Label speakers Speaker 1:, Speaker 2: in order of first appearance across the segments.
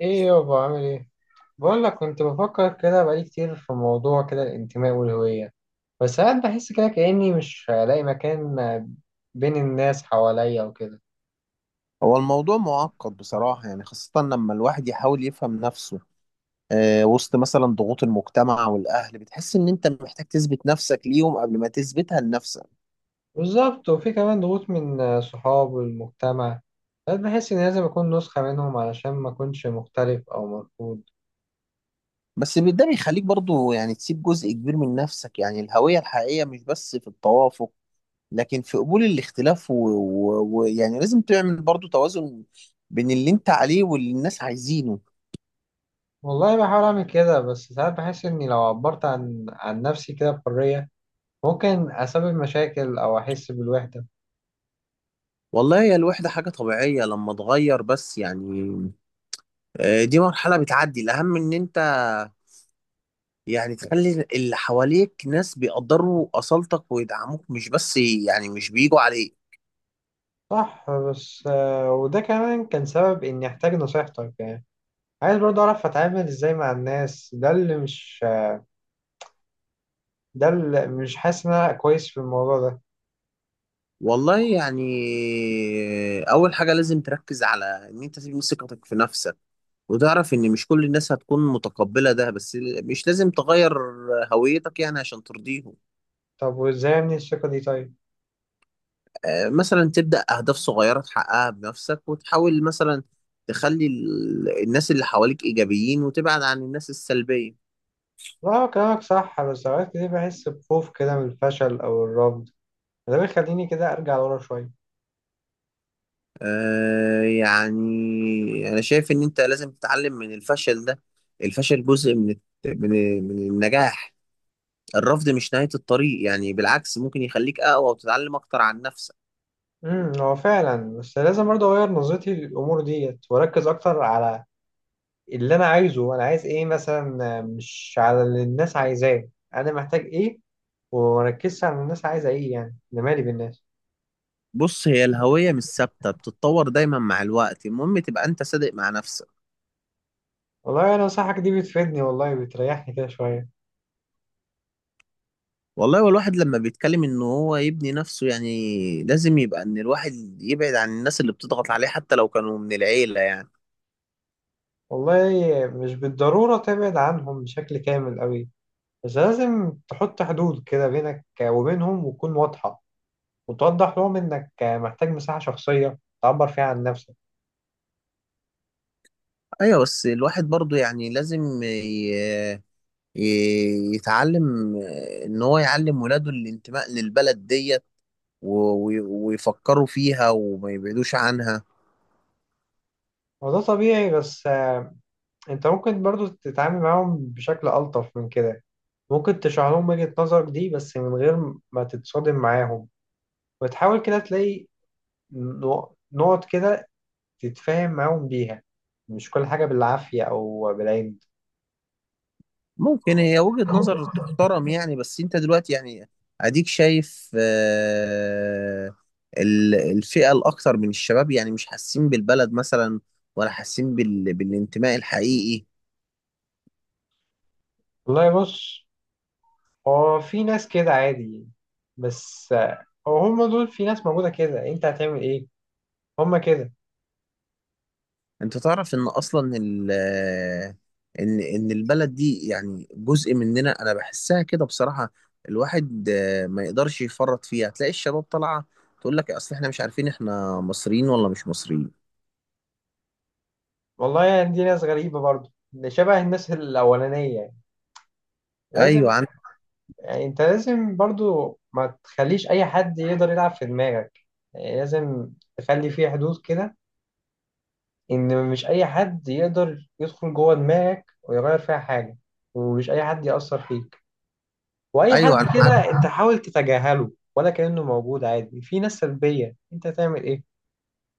Speaker 1: ايه يابا عامل ايه؟ بقول لك كنت بفكر كده بقالي كتير في موضوع كده الانتماء والهوية. بس ساعات بحس كده كأني مش هلاقي مكان بين الناس حواليا وكده.
Speaker 2: هو الموضوع معقد بصراحة يعني، خاصة لما الواحد يحاول يفهم نفسه. وسط مثلا ضغوط المجتمع والأهل بتحس إن أنت محتاج تثبت نفسك ليهم قبل ما تثبتها لنفسك.
Speaker 1: بالظبط، وفي كمان ضغوط من صحاب والمجتمع. ساعات بحس اني لازم اكون نسخة منهم علشان ما اكونش مختلف او مرفوض.
Speaker 2: بس ده بيخليك برضو يعني تسيب جزء كبير من نفسك. يعني الهوية الحقيقية مش بس في التوافق، لكن في قبول الاختلاف ويعني لازم تعمل برضو توازن بين اللي أنت عليه واللي الناس عايزينه.
Speaker 1: والله بحاول اعمل كده، بس ساعات بحس اني لو عبرت عن نفسي كده بحرية ممكن اسبب مشاكل او احس بالوحدة.
Speaker 2: والله هي الوحدة حاجة طبيعية لما تغير، بس يعني دي مرحلة بتعدي. الأهم إن أنت يعني تخلي اللي حواليك ناس بيقدروا أصالتك ويدعموك، مش بس يعني مش بيجوا عليك.
Speaker 1: صح، بس وده كمان كان سبب إني أحتاج نصيحتك يعني. عايز برضه أعرف أتعامل إزاي مع الناس، ده اللي مش حاسس إن أنا كويس في الموضوع ده.
Speaker 2: والله يعني أول حاجة لازم تركز على إن أنت تبني ثقتك في نفسك، وتعرف إن مش كل الناس هتكون متقبلة ده، بس مش لازم تغير هويتك يعني عشان ترضيهم.
Speaker 1: طب وإزاي أبني الثقة دي طيب؟
Speaker 2: مثلا تبدأ أهداف صغيرة تحققها بنفسك، وتحاول مثلا تخلي الناس اللي حواليك إيجابيين وتبعد عن الناس السلبية.
Speaker 1: لا هو كلامك صح، بس أوقات كتير بحس بخوف كده من الفشل أو الرفض، ده بيخليني كده أرجع ورا شوية.
Speaker 2: آه يعني أنا شايف إن أنت لازم تتعلم من الفشل ده. الفشل جزء من من النجاح. الرفض مش نهاية الطريق، يعني بالعكس ممكن يخليك أقوى وتتعلم أكتر عن نفسك.
Speaker 1: هو فعلا، بس لازم برضه أغير نظرتي للأمور ديت وأركز أكتر على اللي أنا عايزه. أنا عايز إيه مثلا، مش على اللي الناس عايزاه. أنا محتاج إيه؟ ومركزش على الناس عايزة ايه، يعني انا مالي بالناس.
Speaker 2: بص، هي الهوية مش ثابتة، بتتطور دايما مع الوقت. المهم تبقى أنت صادق مع نفسك.
Speaker 1: والله انا نصيحتك دي بتفيدني، والله بتريحني كده شوية.
Speaker 2: والله والواحد لما بيتكلم إن هو يبني نفسه يعني لازم يبقى إن الواحد يبعد عن الناس اللي بتضغط عليه، حتى لو كانوا من العيلة يعني.
Speaker 1: والله مش بالضرورة تبعد عنهم بشكل كامل قوي، بس لازم تحط حدود كده بينك وبينهم وتكون واضحة، وتوضح لهم انك محتاج مساحة شخصية تعبر فيها عن نفسك.
Speaker 2: أيوة، بس الواحد برضه يعني لازم يتعلم، ان هو يعلم ولاده الانتماء للبلد ديت، و- ويفكروا فيها وما يبعدوش عنها.
Speaker 1: وده طبيعي، بس انت ممكن برضو تتعامل معاهم بشكل ألطف من كده. ممكن تشرح لهم وجهة نظرك دي بس من غير ما تتصادم معاهم، وتحاول كده تلاقي نقط كده تتفاهم معاهم بيها. مش كل حاجة بالعافية أو بالعند.
Speaker 2: ممكن هي وجهة نظر تحترم يعني، بس انت دلوقتي يعني اديك شايف، الفئة الاكثر من الشباب يعني مش حاسين بالبلد مثلا، ولا حاسين بالانتماء الحقيقي.
Speaker 1: والله بص، هو في ناس كده عادي، بس هو هم دول في ناس موجودة كده، أنت هتعمل إيه؟ هم كده.
Speaker 2: انت تعرف ان اصلا ال ان ان البلد دي يعني جزء مننا. انا بحسها كده بصراحة. الواحد ما يقدرش يفرط فيها. تلاقي الشباب طالعة تقول لك اصل احنا مش عارفين احنا مصريين ولا مش مصريين.
Speaker 1: والله يعني دي ناس غريبة برضه، ده شبه الناس الأولانية يعني. لازم،
Speaker 2: ايوه. عن
Speaker 1: يعني أنت لازم برضه ما تخليش أي حد يقدر يلعب في دماغك. يعني لازم تخلي فيه حدود كده، إن مش أي حد يقدر يدخل جوه دماغك ويغير فيها حاجة، ومش أي حد يأثر فيك، واي حد
Speaker 2: ايوه، انا معاك.
Speaker 1: كده. انت حاول تتجاهله ولا كأنه موجود عادي. في ناس سلبية، انت تعمل ايه؟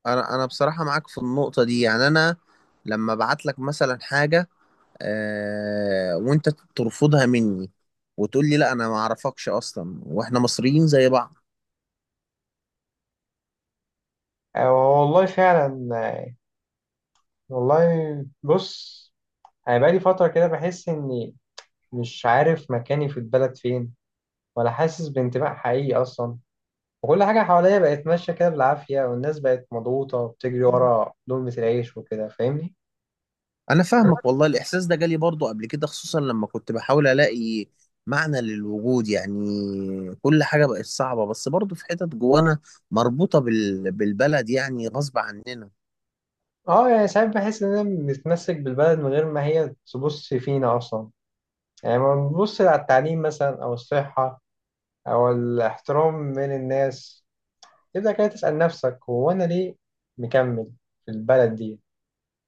Speaker 2: انا بصراحة معاك في النقطة دي، يعني انا لما ابعت لك مثلا حاجة، وانت ترفضها مني وتقول لي لا انا ما اعرفكش اصلا، واحنا مصريين زي بعض.
Speaker 1: آه، والله فعلا. والله بص، انا بقالي فترة كده بحس اني مش عارف مكاني في البلد فين، ولا حاسس بانتماء حقيقي اصلا. وكل حاجة حواليا بقت ماشية كده بالعافية، والناس بقت مضغوطة وبتجري ورا لقمة العيش وكده، فاهمني؟
Speaker 2: انا فاهمك، والله الاحساس ده جالي برضو قبل كده، خصوصا لما كنت بحاول الاقي معنى للوجود يعني. كل حاجة بقت صعبة، بس برضو في حتت جوانا مربوطة بالبلد يعني غصب عننا.
Speaker 1: اه يعني ساعات بحس اننا بنتمسك بالبلد من غير ما هي تبص فينا اصلا. يعني لما بنبص على التعليم مثلا او الصحة أو الاحترام من الناس، تبدأ كده تسأل نفسك هو أنا ليه مكمل في البلد دي؟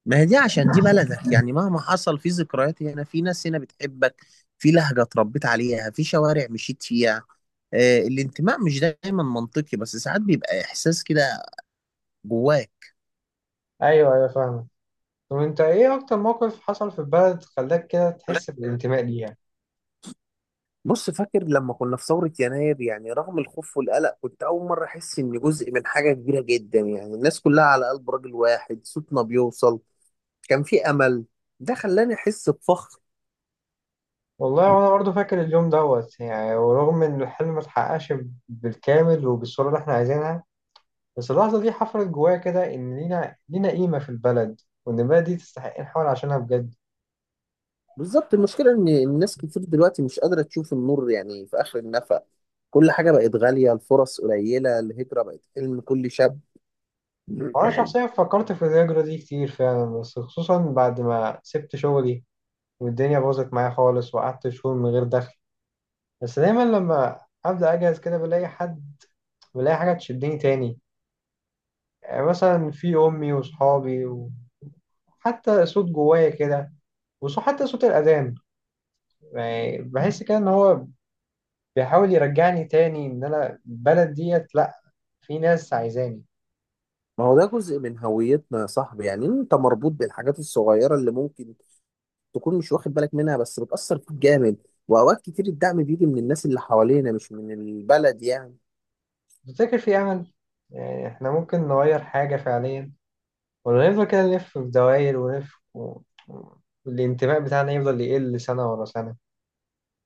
Speaker 2: ما هي دي عشان دي بلدك يعني. مهما حصل، في ذكريات هنا، في ناس هنا بتحبك، في لهجة اتربيت عليها، في شوارع مشيت فيها. الانتماء مش دايما منطقي، بس ساعات بيبقى احساس كده جواك.
Speaker 1: أيوه أيوه فاهمة. طب أنت إيه أكتر موقف حصل في البلد خلاك كده تحس بالانتماء ليها؟
Speaker 2: بص، فاكر لما كنا في ثورة يناير؟ يعني رغم الخوف والقلق، كنت أول مرة أحس إني جزء من حاجة كبيرة جدا. يعني الناس كلها على قلب راجل واحد، صوتنا بيوصل، كان في أمل. ده خلاني أحس بفخر.
Speaker 1: والله وأنا برضه فاكر اليوم دوت، يعني ورغم إن الحلم متحققش بالكامل وبالصورة اللي إحنا عايزينها، بس اللحظة دي حفرت جوايا كده إن لينا، لينا قيمة في البلد، وإن البلد دي تستحق نحاول عشانها بجد.
Speaker 2: بالظبط، المشكلة إن الناس كتير دلوقتي مش قادرة تشوف النور يعني في آخر النفق. كل حاجة بقت غالية، الفرص قليلة، الهجرة بقت حلم كل شاب.
Speaker 1: وأنا شخصيا فكرت في الهجرة دي كتير فعلا، بس خصوصا بعد ما سبت شغلي والدنيا باظت معايا خالص وقعدت شهور من غير دخل. بس دايما لما أبدأ أجهز كده بلاقي حد، بلاقي حاجة تشدني تاني. يعني مثلا في أمي وصحابي، وحتى صوت جوايا كده، وحتى صوت الأذان. يعني بحس كده إن هو بيحاول يرجعني تاني إن أنا البلد ديت، لأ، في ناس عايزاني.
Speaker 2: ما هو ده جزء من هويتنا يا صاحبي. يعني أنت مربوط بالحاجات الصغيرة اللي ممكن تكون مش واخد بالك منها، بس بتأثر فيك جامد. وأوقات كتير الدعم بيجي من الناس اللي حوالينا، مش من البلد يعني.
Speaker 1: تفتكر في أمل؟ يعني إحنا ممكن نغير حاجة فعليا، ولا نفضل كده نلف في دوائر ونلف. والانتماء بتاعنا يفضل يقل سنة ورا سنة.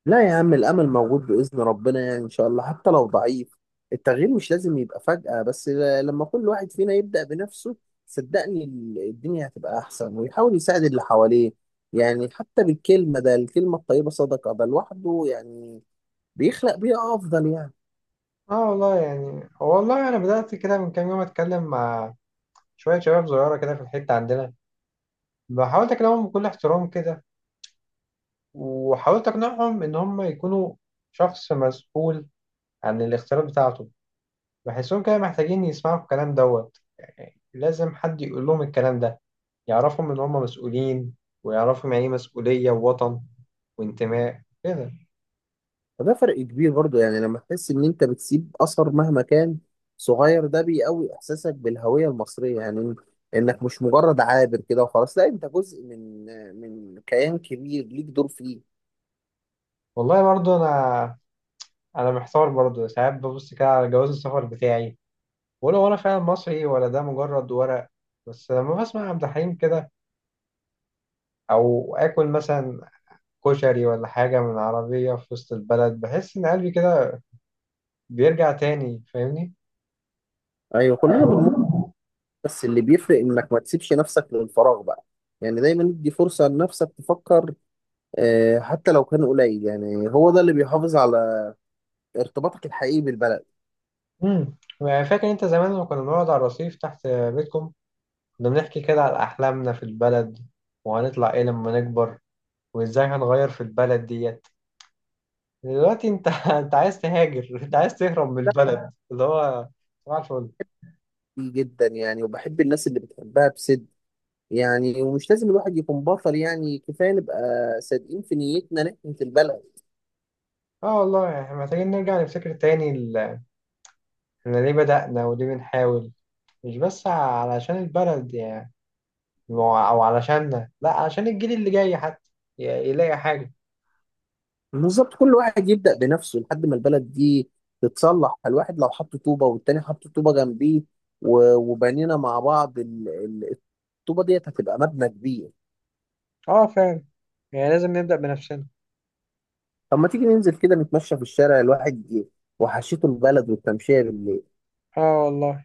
Speaker 2: لا يا عم، الأمل موجود بإذن ربنا، يعني إن شاء الله حتى لو ضعيف. التغيير مش لازم يبقى فجأة، بس لما كل واحد فينا يبدأ بنفسه، صدقني الدنيا هتبقى أحسن، ويحاول يساعد اللي حواليه، يعني حتى بالكلمة. ده الكلمة الطيبة صدقة، ده لوحده يعني بيخلق بيئة أفضل يعني.
Speaker 1: اه والله يعني، والله انا بدات كده من كام يوم اتكلم مع شويه شباب صغيره كده في الحته عندنا. حاولت اكلمهم بكل احترام كده، وحاولت اقنعهم ان هم يكونوا شخص مسؤول عن الاختيارات بتاعته. بحسهم كده محتاجين يسمعوا الكلام دوت، يعني لازم حد يقول لهم الكلام ده، يعرفهم ان هم مسؤولين، ويعرفهم يعني ايه مسؤوليه ووطن وانتماء كده.
Speaker 2: فده فرق كبير برضو، يعني لما تحس ان انت بتسيب اثر مهما كان صغير، ده بيقوي احساسك بالهوية المصرية. يعني انك مش مجرد عابر كده وخلاص، لا انت جزء من من كيان كبير ليك دور فيه.
Speaker 1: والله برضو انا محتار برضو ساعات، ببص كده على جواز السفر بتاعي، ولا فعلا مصري ولا ده مجرد ورق؟ بس لما بسمع عبد الحليم كده، أو آكل مثلا كشري ولا حاجة من عربية في وسط البلد، بحس إن قلبي كده بيرجع تاني، فاهمني؟
Speaker 2: ايوه، كلنا بنمر، بس اللي بيفرق انك ما تسيبش نفسك للفراغ بقى. يعني دايما ادي فرصة لنفسك تفكر، حتى لو كان قليل، يعني هو ده اللي بيحافظ على ارتباطك الحقيقي بالبلد.
Speaker 1: امم فاكر أنت زمان لما كنا بنقعد على الرصيف تحت بيتكم، كنا بنحكي كده على أحلامنا في البلد، وهنطلع إيه لما نكبر، وإزاي هنغير في البلد ديت؟ دلوقتي أنت أنت عايز تهاجر، أنت عايز تهرب من
Speaker 2: ده
Speaker 1: البلد اللي هو، صباح الفل!
Speaker 2: كتير جدا يعني، وبحب الناس اللي بتحبها بصدق. يعني ومش لازم الواحد يكون بطل، يعني كفايه نبقى صادقين في نيتنا ناحيه البلد.
Speaker 1: اه والله احنا محتاجين نرجع نفتكر تاني إحنا ليه بدأنا وليه بنحاول. مش بس علشان البلد يعني، أو علشاننا، لأ، علشان الجيل اللي جاي حتى ي- يلاقي حاجة.
Speaker 2: بالظبط، كل واحد يبدا بنفسه لحد ما البلد دي تتصلح. الواحد لو حط طوبه والتاني حط طوبه جنبيه، وبنينا مع بعض، الطوبه ديت هتبقى مبنى كبير.
Speaker 1: اه فعلا، يعني لازم نبدأ بنفسنا.
Speaker 2: طب ما تيجي ننزل كده نتمشى في الشارع، الواحد وحشته البلد والتمشيه بالليل.
Speaker 1: اه والله،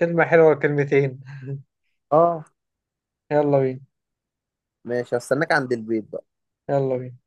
Speaker 1: كلمة حلوة كلمتين
Speaker 2: اه
Speaker 1: يلا بينا.
Speaker 2: ماشي، هستناك عند البيت.
Speaker 1: يلا بينا.